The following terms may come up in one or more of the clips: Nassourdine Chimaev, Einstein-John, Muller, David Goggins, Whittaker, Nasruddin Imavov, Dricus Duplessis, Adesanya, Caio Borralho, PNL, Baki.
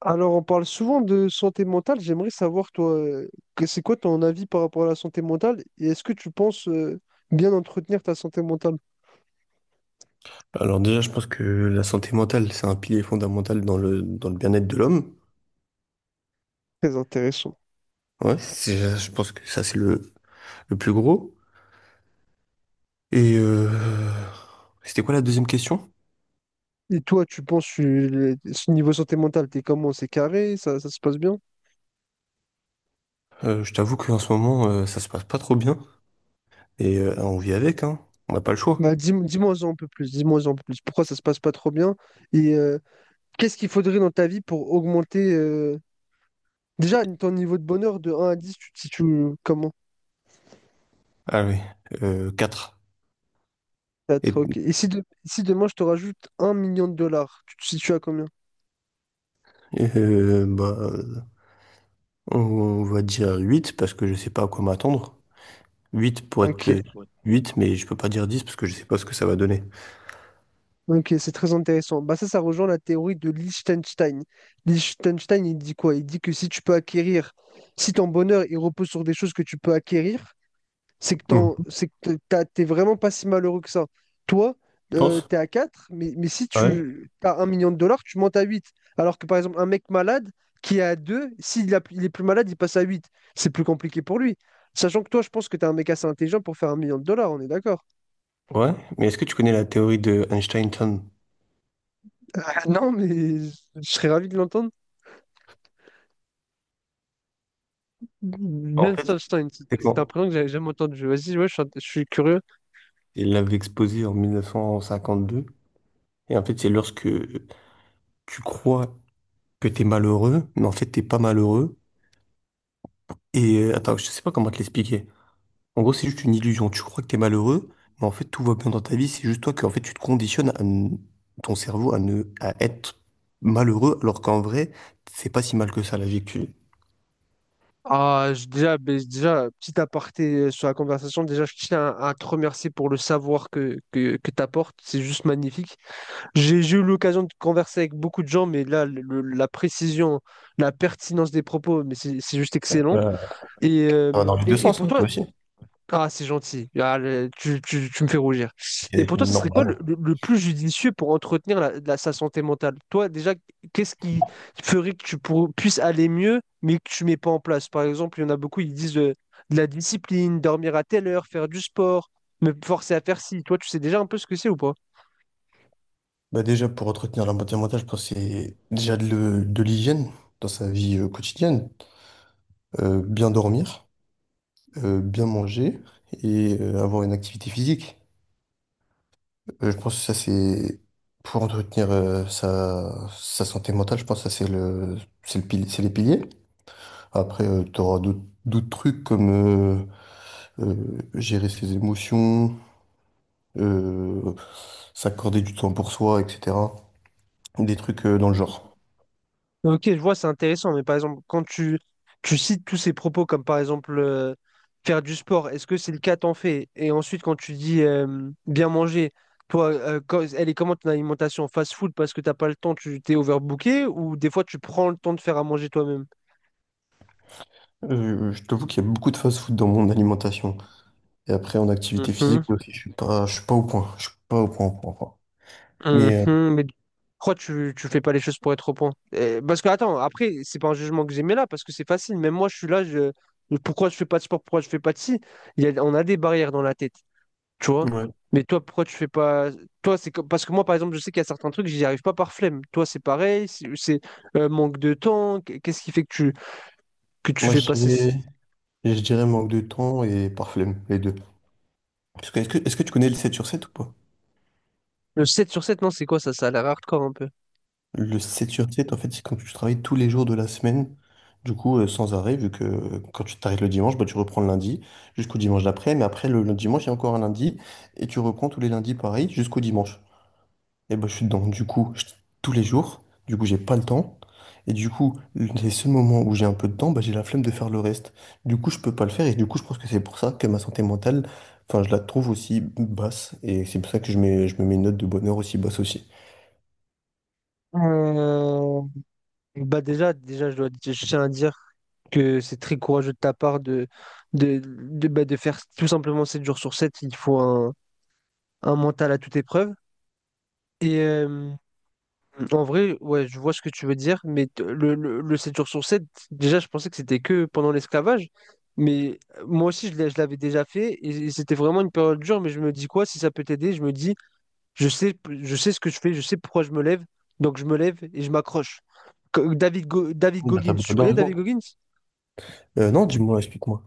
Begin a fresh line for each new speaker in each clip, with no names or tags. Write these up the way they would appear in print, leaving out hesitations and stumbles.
Alors, on parle souvent de santé mentale. J'aimerais savoir, toi, c'est quoi ton avis par rapport à la santé mentale et est-ce que tu penses bien entretenir ta santé mentale?
Alors déjà, je pense que la santé mentale, c'est un pilier fondamental dans le bien-être de l'homme.
Très intéressant.
Ouais, je pense que ça, c'est le plus gros. Et c'était quoi la deuxième question?
Et toi, tu penses, ce niveau santé mentale, t'es comment? C'est carré? Ça se passe bien?
Je t'avoue qu'en ce moment, ça se passe pas trop bien. Et on vit avec, hein. On n'a pas le choix.
Bah, dis, moi un peu plus. Dis-moi un peu plus. Pourquoi ça se passe pas trop bien? Et qu'est-ce qu'il faudrait dans ta vie pour augmenter déjà ton niveau de bonheur de 1 à 10, tu te situes comment?
Ah oui, 4.
4,
Et,
ok. Et si, si demain je te rajoute 1 million de dollars, tu te situes à combien?
euh, bah, euh, on va dire 8 parce que je sais pas à quoi m'attendre. 8 pour être
Ok.
peu. Huit, mais je peux pas dire 10 parce que je sais pas ce que ça va donner.
Ok, c'est très intéressant. Bah ça, ça rejoint la théorie de Liechtenstein. Liechtenstein, il dit quoi? Il dit que si tu peux acquérir, si ton bonheur il repose sur des choses que tu peux acquérir, c'est que
Hmm.
c'est que t'es vraiment pas si malheureux que ça. Toi,
Tu penses?
t'es à 4, mais si
Ouais.
tu as 1 million de dollars, tu montes à 8. Alors que par exemple, un mec malade qui est à 2, il est plus malade, il passe à 8. C'est plus compliqué pour lui. Sachant que toi, je pense que t'es un mec assez intelligent pour faire 1 million de dollars, on est d'accord?
Ouais, mais est-ce que tu connais la théorie de Einstein-John?
Ah, non, mais je serais ravi de l'entendre.
En fait,
Liechtenstein, c'est
c'est
c'est un
quand
prénom que j'avais jamais entendu. Vas-y, ouais, je suis curieux.
il l'avait exposée en 1952. Et en fait, c'est lorsque tu crois que t'es malheureux, mais en fait, t'es pas malheureux. Et attends, je sais pas comment te l'expliquer. En gros, c'est juste une illusion. Tu crois que t'es malheureux, mais en fait, tout va bien dans ta vie. C'est juste toi que, en fait, tu te conditionnes à ton cerveau à ne, à être malheureux, alors qu'en vrai, c'est pas si mal que ça, la vie que tu vis.
Ah, déjà, petit aparté sur la conversation, déjà, je tiens à te remercier pour le savoir que tu apportes. C'est juste magnifique. J'ai eu l'occasion de converser avec beaucoup de gens, mais là, la précision, la pertinence des propos, mais c'est juste excellent.
Euh,
Et,
Ça va dans
euh,
les deux
et, et
sens,
pour
hein,
toi,
toi aussi.
ah, c'est gentil. Ah, tu me fais rougir. Et pour
C'est
toi, ça serait quoi
normal.
le plus judicieux pour entretenir sa santé mentale? Toi, déjà, qu'est-ce qui ferait que tu puisses aller mieux, mais que tu mets pas en place? Par exemple, il y en a beaucoup, ils disent la discipline, dormir à telle heure, faire du sport, me forcer à faire ci. Toi, tu sais déjà un peu ce que c'est ou pas?
Bah déjà, pour entretenir la bonne mentale, je pense que c'est déjà de l'hygiène dans sa vie quotidienne. Bien dormir, bien manger et avoir une activité physique. Je pense que ça, c'est pour entretenir sa santé mentale, je pense que ça, c'est le, c'est les piliers. Après, tu auras d'autres trucs comme euh, gérer ses émotions, euh, s'accorder du temps pour soi, etc. Des trucs dans le genre.
Ok, je vois, c'est intéressant, mais par exemple, quand tu cites tous ces propos, comme par exemple faire du sport, est-ce que c'est le cas, t'en fais? Et ensuite, quand tu dis bien manger, toi, elle est comment ton alimentation? Fast-food parce que t'as pas le temps, tu t'es overbooké, ou des fois tu prends le temps de faire à manger toi-même?
Je t'avoue qu'il y a beaucoup de fast-food dans mon alimentation. Et après, en activité physique
Mhm,
aussi, je suis pas au point. Je suis pas au point, au point, au point. Mais
mhm, mais pourquoi tu fais pas les choses pour être au point? Parce que attends, après, c'est pas un jugement que j'aimais là, parce que c'est facile, même moi je suis là, je, pourquoi je fais pas de sport, pourquoi je fais pas de ci? On a des barrières dans la tête. Tu vois?
ouais.
Mais toi, pourquoi tu fais pas. Toi, parce que moi, par exemple, je sais qu'il y a certains trucs, j'y arrive pas par flemme. Toi, c'est pareil, c'est manque de temps. Qu'est-ce qui fait que tu
Moi,
fais passer
je dirais manque de temps et par flemme, les deux. Parce que, est-ce que tu connais le 7 sur 7 ou pas?
le 7 sur 7? Non, c'est quoi ça? Ça a l'air hardcore un peu.
Le 7 sur 7, en fait, c'est quand tu travailles tous les jours de la semaine, du coup, sans arrêt, vu que quand tu t'arrêtes le dimanche, bah, tu reprends le lundi jusqu'au dimanche d'après. Mais après, le dimanche, il y a encore un lundi et tu reprends tous les lundis pareil jusqu'au dimanche. Et ben, je suis dedans. Du coup, tous les jours, du coup, j'ai pas le temps. Et du coup, les seuls moments où j'ai un peu de temps, bah, j'ai la flemme de faire le reste. Du coup, je peux pas le faire. Et du coup, je pense que c'est pour ça que ma santé mentale, enfin, je la trouve aussi basse. Et c'est pour ça que je me mets une note de bonheur aussi basse aussi.
Euh, Bah déjà, je tiens à dire que c'est très courageux de ta part de faire tout simplement 7 jours sur 7. Il faut un mental à toute épreuve. Et, En vrai, ouais, je vois ce que tu veux dire, mais le 7 jours sur 7, déjà, je pensais que c'était que pendant l'esclavage, mais moi aussi, je l'avais déjà fait, et c'était vraiment une période dure, mais je me dis quoi, si ça peut t'aider, je me dis, je sais, je sais ce que je fais, je sais pourquoi je me lève, donc je me lève et je m'accroche. David
Oui, bah,
Goggins,
t'as
tu
bien
connais David
raison.
Goggins?
Non, dis-moi, explique-moi.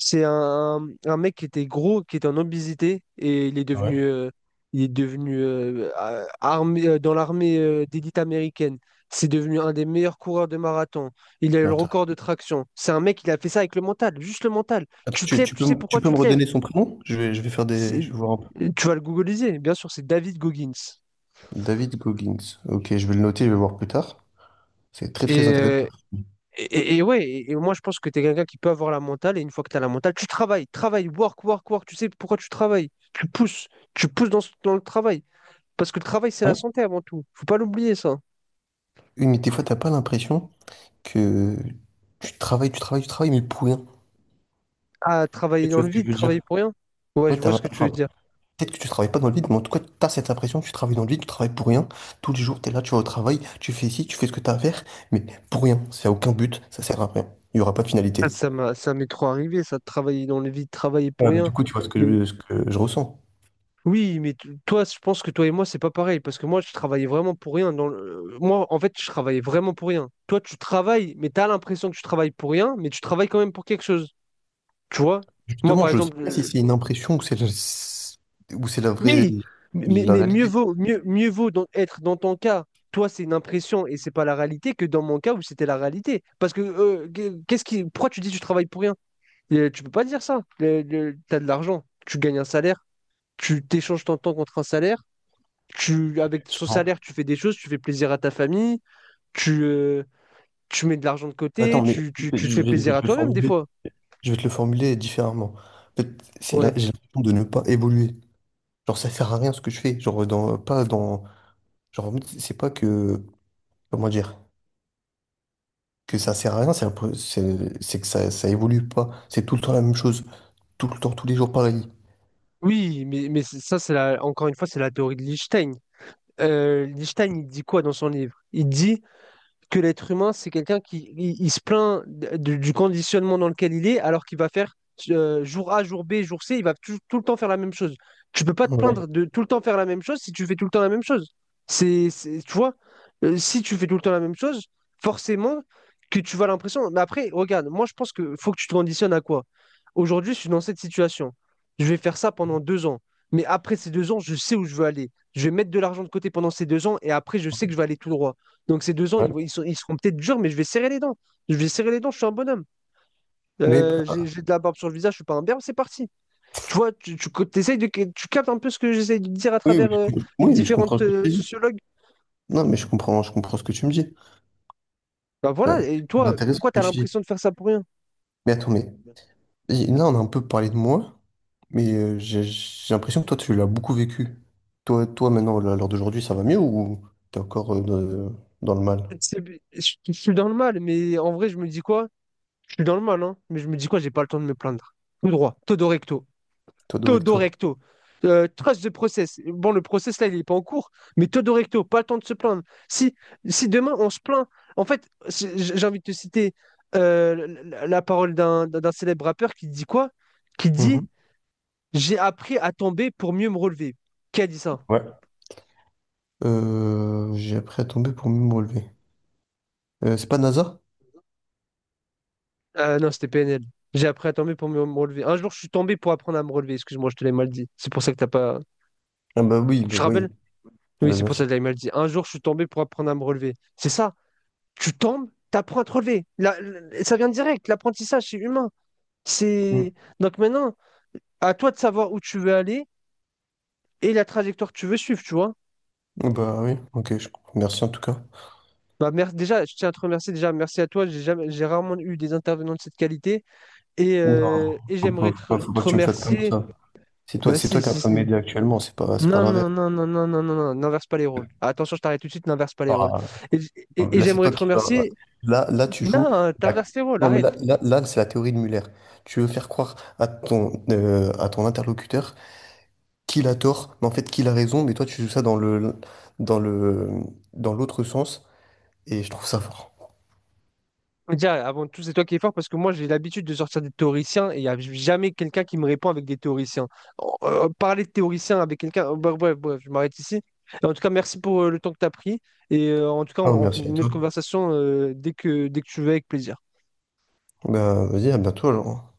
C'est un mec qui était gros, qui était en obésité, et
Ah ouais.
il est devenu dans l'armée d'élite américaine. C'est devenu un des meilleurs coureurs de marathon. Il a eu
Non,
le
attends,
record de traction. C'est un mec, il a fait ça avec le mental, juste le mental.
attends,
Tu te lèves, tu sais
tu
pourquoi
peux
tu
me
te lèves.
redonner son prénom? Je vais faire je
C'est-
vais voir un peu.
Tu vas le googliser, bien sûr, c'est David Goggins.
David Goggins. Ok, je vais le noter, je vais voir plus tard. C'est très
Et,
très intéressant.
euh, et ouais, moi je pense que tu es quelqu'un qui peut avoir la mentale, et une fois que tu as la mentale, tu travailles, travailles, work, work, work, tu sais pourquoi tu travailles. Tu pousses dans le travail. Parce que le travail, c'est la
Oui.
santé avant tout. Faut pas l'oublier, ça.
Une, des fois, t'as pas l'impression que tu travailles, tu travailles, tu travailles, mais pour rien.
Ah,
Et
travailler
tu
dans
vois
le
ce que je
vide,
veux
travailler
dire?
pour rien. Ouais,
Ouais,
je vois ce que tu veux
enfin,
dire.
peut-être que tu travailles pas dans le vide, mais en tout cas, tu as cette impression que tu travailles dans le vide, tu travailles pour rien. Tous les jours, tu es là, tu vas au travail, tu fais ici, tu fais ce que tu as à faire, mais pour rien. Ça n'a aucun but, ça sert à rien. Il n'y aura pas de finalité.
Ah, ça m'est trop arrivé, ça, de travailler dans le vide, travailler pour
Ouais, mais du
rien.
coup, tu vois
Mais
ce que je ressens.
oui, mais toi, je pense que toi et moi, c'est pas pareil. Parce que moi, je travaillais vraiment pour rien. Moi, en fait, je travaillais vraiment pour rien. Toi, tu travailles, mais t'as l'impression que tu travailles pour rien, mais tu travailles quand même pour quelque chose. Tu vois? Moi,
Justement,
par
je sais pas si
exemple,
c'est une impression ou ou c'est la vraie
Oui, mais,
la
mais mieux
réalité.
vaut, mieux, mieux vaut être dans ton cas. Toi, c'est une impression et c'est pas la réalité que dans mon cas où c'était la réalité. Parce que pourquoi tu dis que tu travailles pour rien? Tu peux pas dire ça. T'as de l'argent, tu gagnes un salaire, tu t'échanges ton temps contre un salaire. Tu, avec ce
Non.
salaire, tu fais des choses, tu fais plaisir à ta famille, tu, euh, tu mets de l'argent de côté,
Attends, mais
tu te
je
fais
vais, je vais
plaisir à
te le
toi-même des
formuler
fois.
Je vais te le formuler différemment. En fait, c'est là,
Ouais.
j'ai l'impression de ne pas évoluer. Genre, ça sert à rien ce que je fais. Genre, dans, pas dans. Genre, en mode, c'est pas que. Comment dire? Que ça sert à rien, c'est que ça évolue pas. C'est tout le temps la même chose. Tout le temps, tous les jours pareil.
Oui, mais ça, c'est encore une fois, c'est la théorie de Lichtenstein. Lichtenstein, il dit quoi dans son livre? Il dit que l'être humain, c'est quelqu'un qui il se plaint du conditionnement dans lequel il est, alors qu'il va faire jour A, jour B, jour C, il va tout le temps faire la même chose. Tu peux pas te
Ouais,
plaindre de tout le temps faire la même chose si tu fais tout le temps la même chose. Tu vois, si tu fais tout le temps la même chose, forcément que tu vas l'impression. Mais après, regarde, moi je pense que faut que tu te conditionnes à quoi? Aujourd'hui, je suis dans cette situation. Je vais faire ça pendant 2 ans. Mais après ces 2 ans, je sais où je veux aller. Je vais mettre de l'argent de côté pendant ces 2 ans et après, je sais que je vais aller tout droit. Donc ces 2 ans, ils, vont-
ouais.
ils sont- ils seront peut-être durs, mais je vais serrer les dents. Je vais serrer les dents, je suis un bonhomme.
Mais, bah,
J'ai de la barbe sur le visage, je suis pas un berbe, c'est parti. Tu vois, tu captes un peu ce que j'essaie de dire à
oui, oui,
travers les
oui, mais je comprends
différentes
ce que tu dis.
sociologues.
Non, mais je comprends ce que tu me dis.
Bah
Bah,
voilà, et
c'est
toi,
intéressant
pourquoi tu
ce
as
que tu dis.
l'impression de faire ça pour rien?
Mais attends, mais et là, on a un peu parlé de moi, mais j'ai l'impression que toi, tu l'as beaucoup vécu. Toi, toi maintenant, là, à l'heure d'aujourd'hui, ça va mieux ou t'es encore dans, dans le mal?
C'est- je suis dans le mal, mais en vrai, je me dis quoi? Je suis dans le mal, hein, mais je me dis quoi? J'ai pas le temps de me plaindre. Tout droit, todo recto.
Toi,
Todo
Doricto.
Recto. Trust the process. Bon, le process là, il n'est pas en cours, mais Todo Recto, pas le temps de se plaindre. Si, si demain on se plaint, en fait, j'ai envie de te citer la parole d'un célèbre rappeur qui dit quoi. Qui dit:
Mhm.
J'ai appris à tomber pour mieux me relever. Qui a dit ça?
Ouais. J'ai appris à tomber pour mieux me relever. C'est pas NASA?
Non, c'était PNL. J'ai appris à tomber pour mieux me relever. Un jour, je suis tombé pour apprendre à me relever. Excuse-moi, je te l'ai mal dit. C'est pour ça que t'as pas.
Ah bah oui,
Je
bah
te rappelle.
oui,
Oui,
bah
c'est
bien
pour ça
sûr.
que je l'ai mal dit. Un jour, je suis tombé pour apprendre à me relever. C'est ça. Tu tombes, tu apprends à te relever. Ça vient direct, l'apprentissage, c'est humain.
Mm.
C'est... Donc maintenant, à toi de savoir où tu veux aller et la trajectoire que tu veux suivre, tu vois.
Ah bah oui, ok, merci en tout cas.
Bah, déjà, je tiens à te remercier, déjà, merci à toi, j'ai jamais, j'ai rarement eu des intervenants de cette qualité et,
Non,
euh, et j'aimerais
faut pas
te
que tu me flattes comme
remercier.
ça.
Bah
C'est
si,
toi qui es en
si,
train de
si.
m'aider actuellement, c'est pas
Non,
l'inverse.
non, non, non, non, non, non, non, n'inverse pas les rôles. Attention, je t'arrête tout de suite, n'inverse pas les rôles. Et, j- et
Là, c'est
j'aimerais
toi
te
qui vas-
remercier.
Là, là, tu joues.
Non,
la-
t'inverses les rôles,
Non, mais
arrête.
là, là, là, c'est la théorie de Muller. Tu veux faire croire à à ton interlocuteur qu'il a tort, mais en fait qu'il a raison, mais toi, tu joues ça dans le, dans le, dans l'autre sens, et je trouve ça fort.
Déjà, avant tout, c'est toi qui es fort parce que moi, j'ai l'habitude de sortir des théoriciens et il n'y a jamais quelqu'un qui me répond avec des théoriciens. Oh, parler de théoriciens avec quelqu'un, bref, bref, bref, je m'arrête ici. En tout cas, merci pour le temps que tu as pris et en tout cas, on,
Ah,
on fait
merci à
une autre
toi.
conversation dès que tu veux avec plaisir.
Bah, vas-y, à bientôt alors.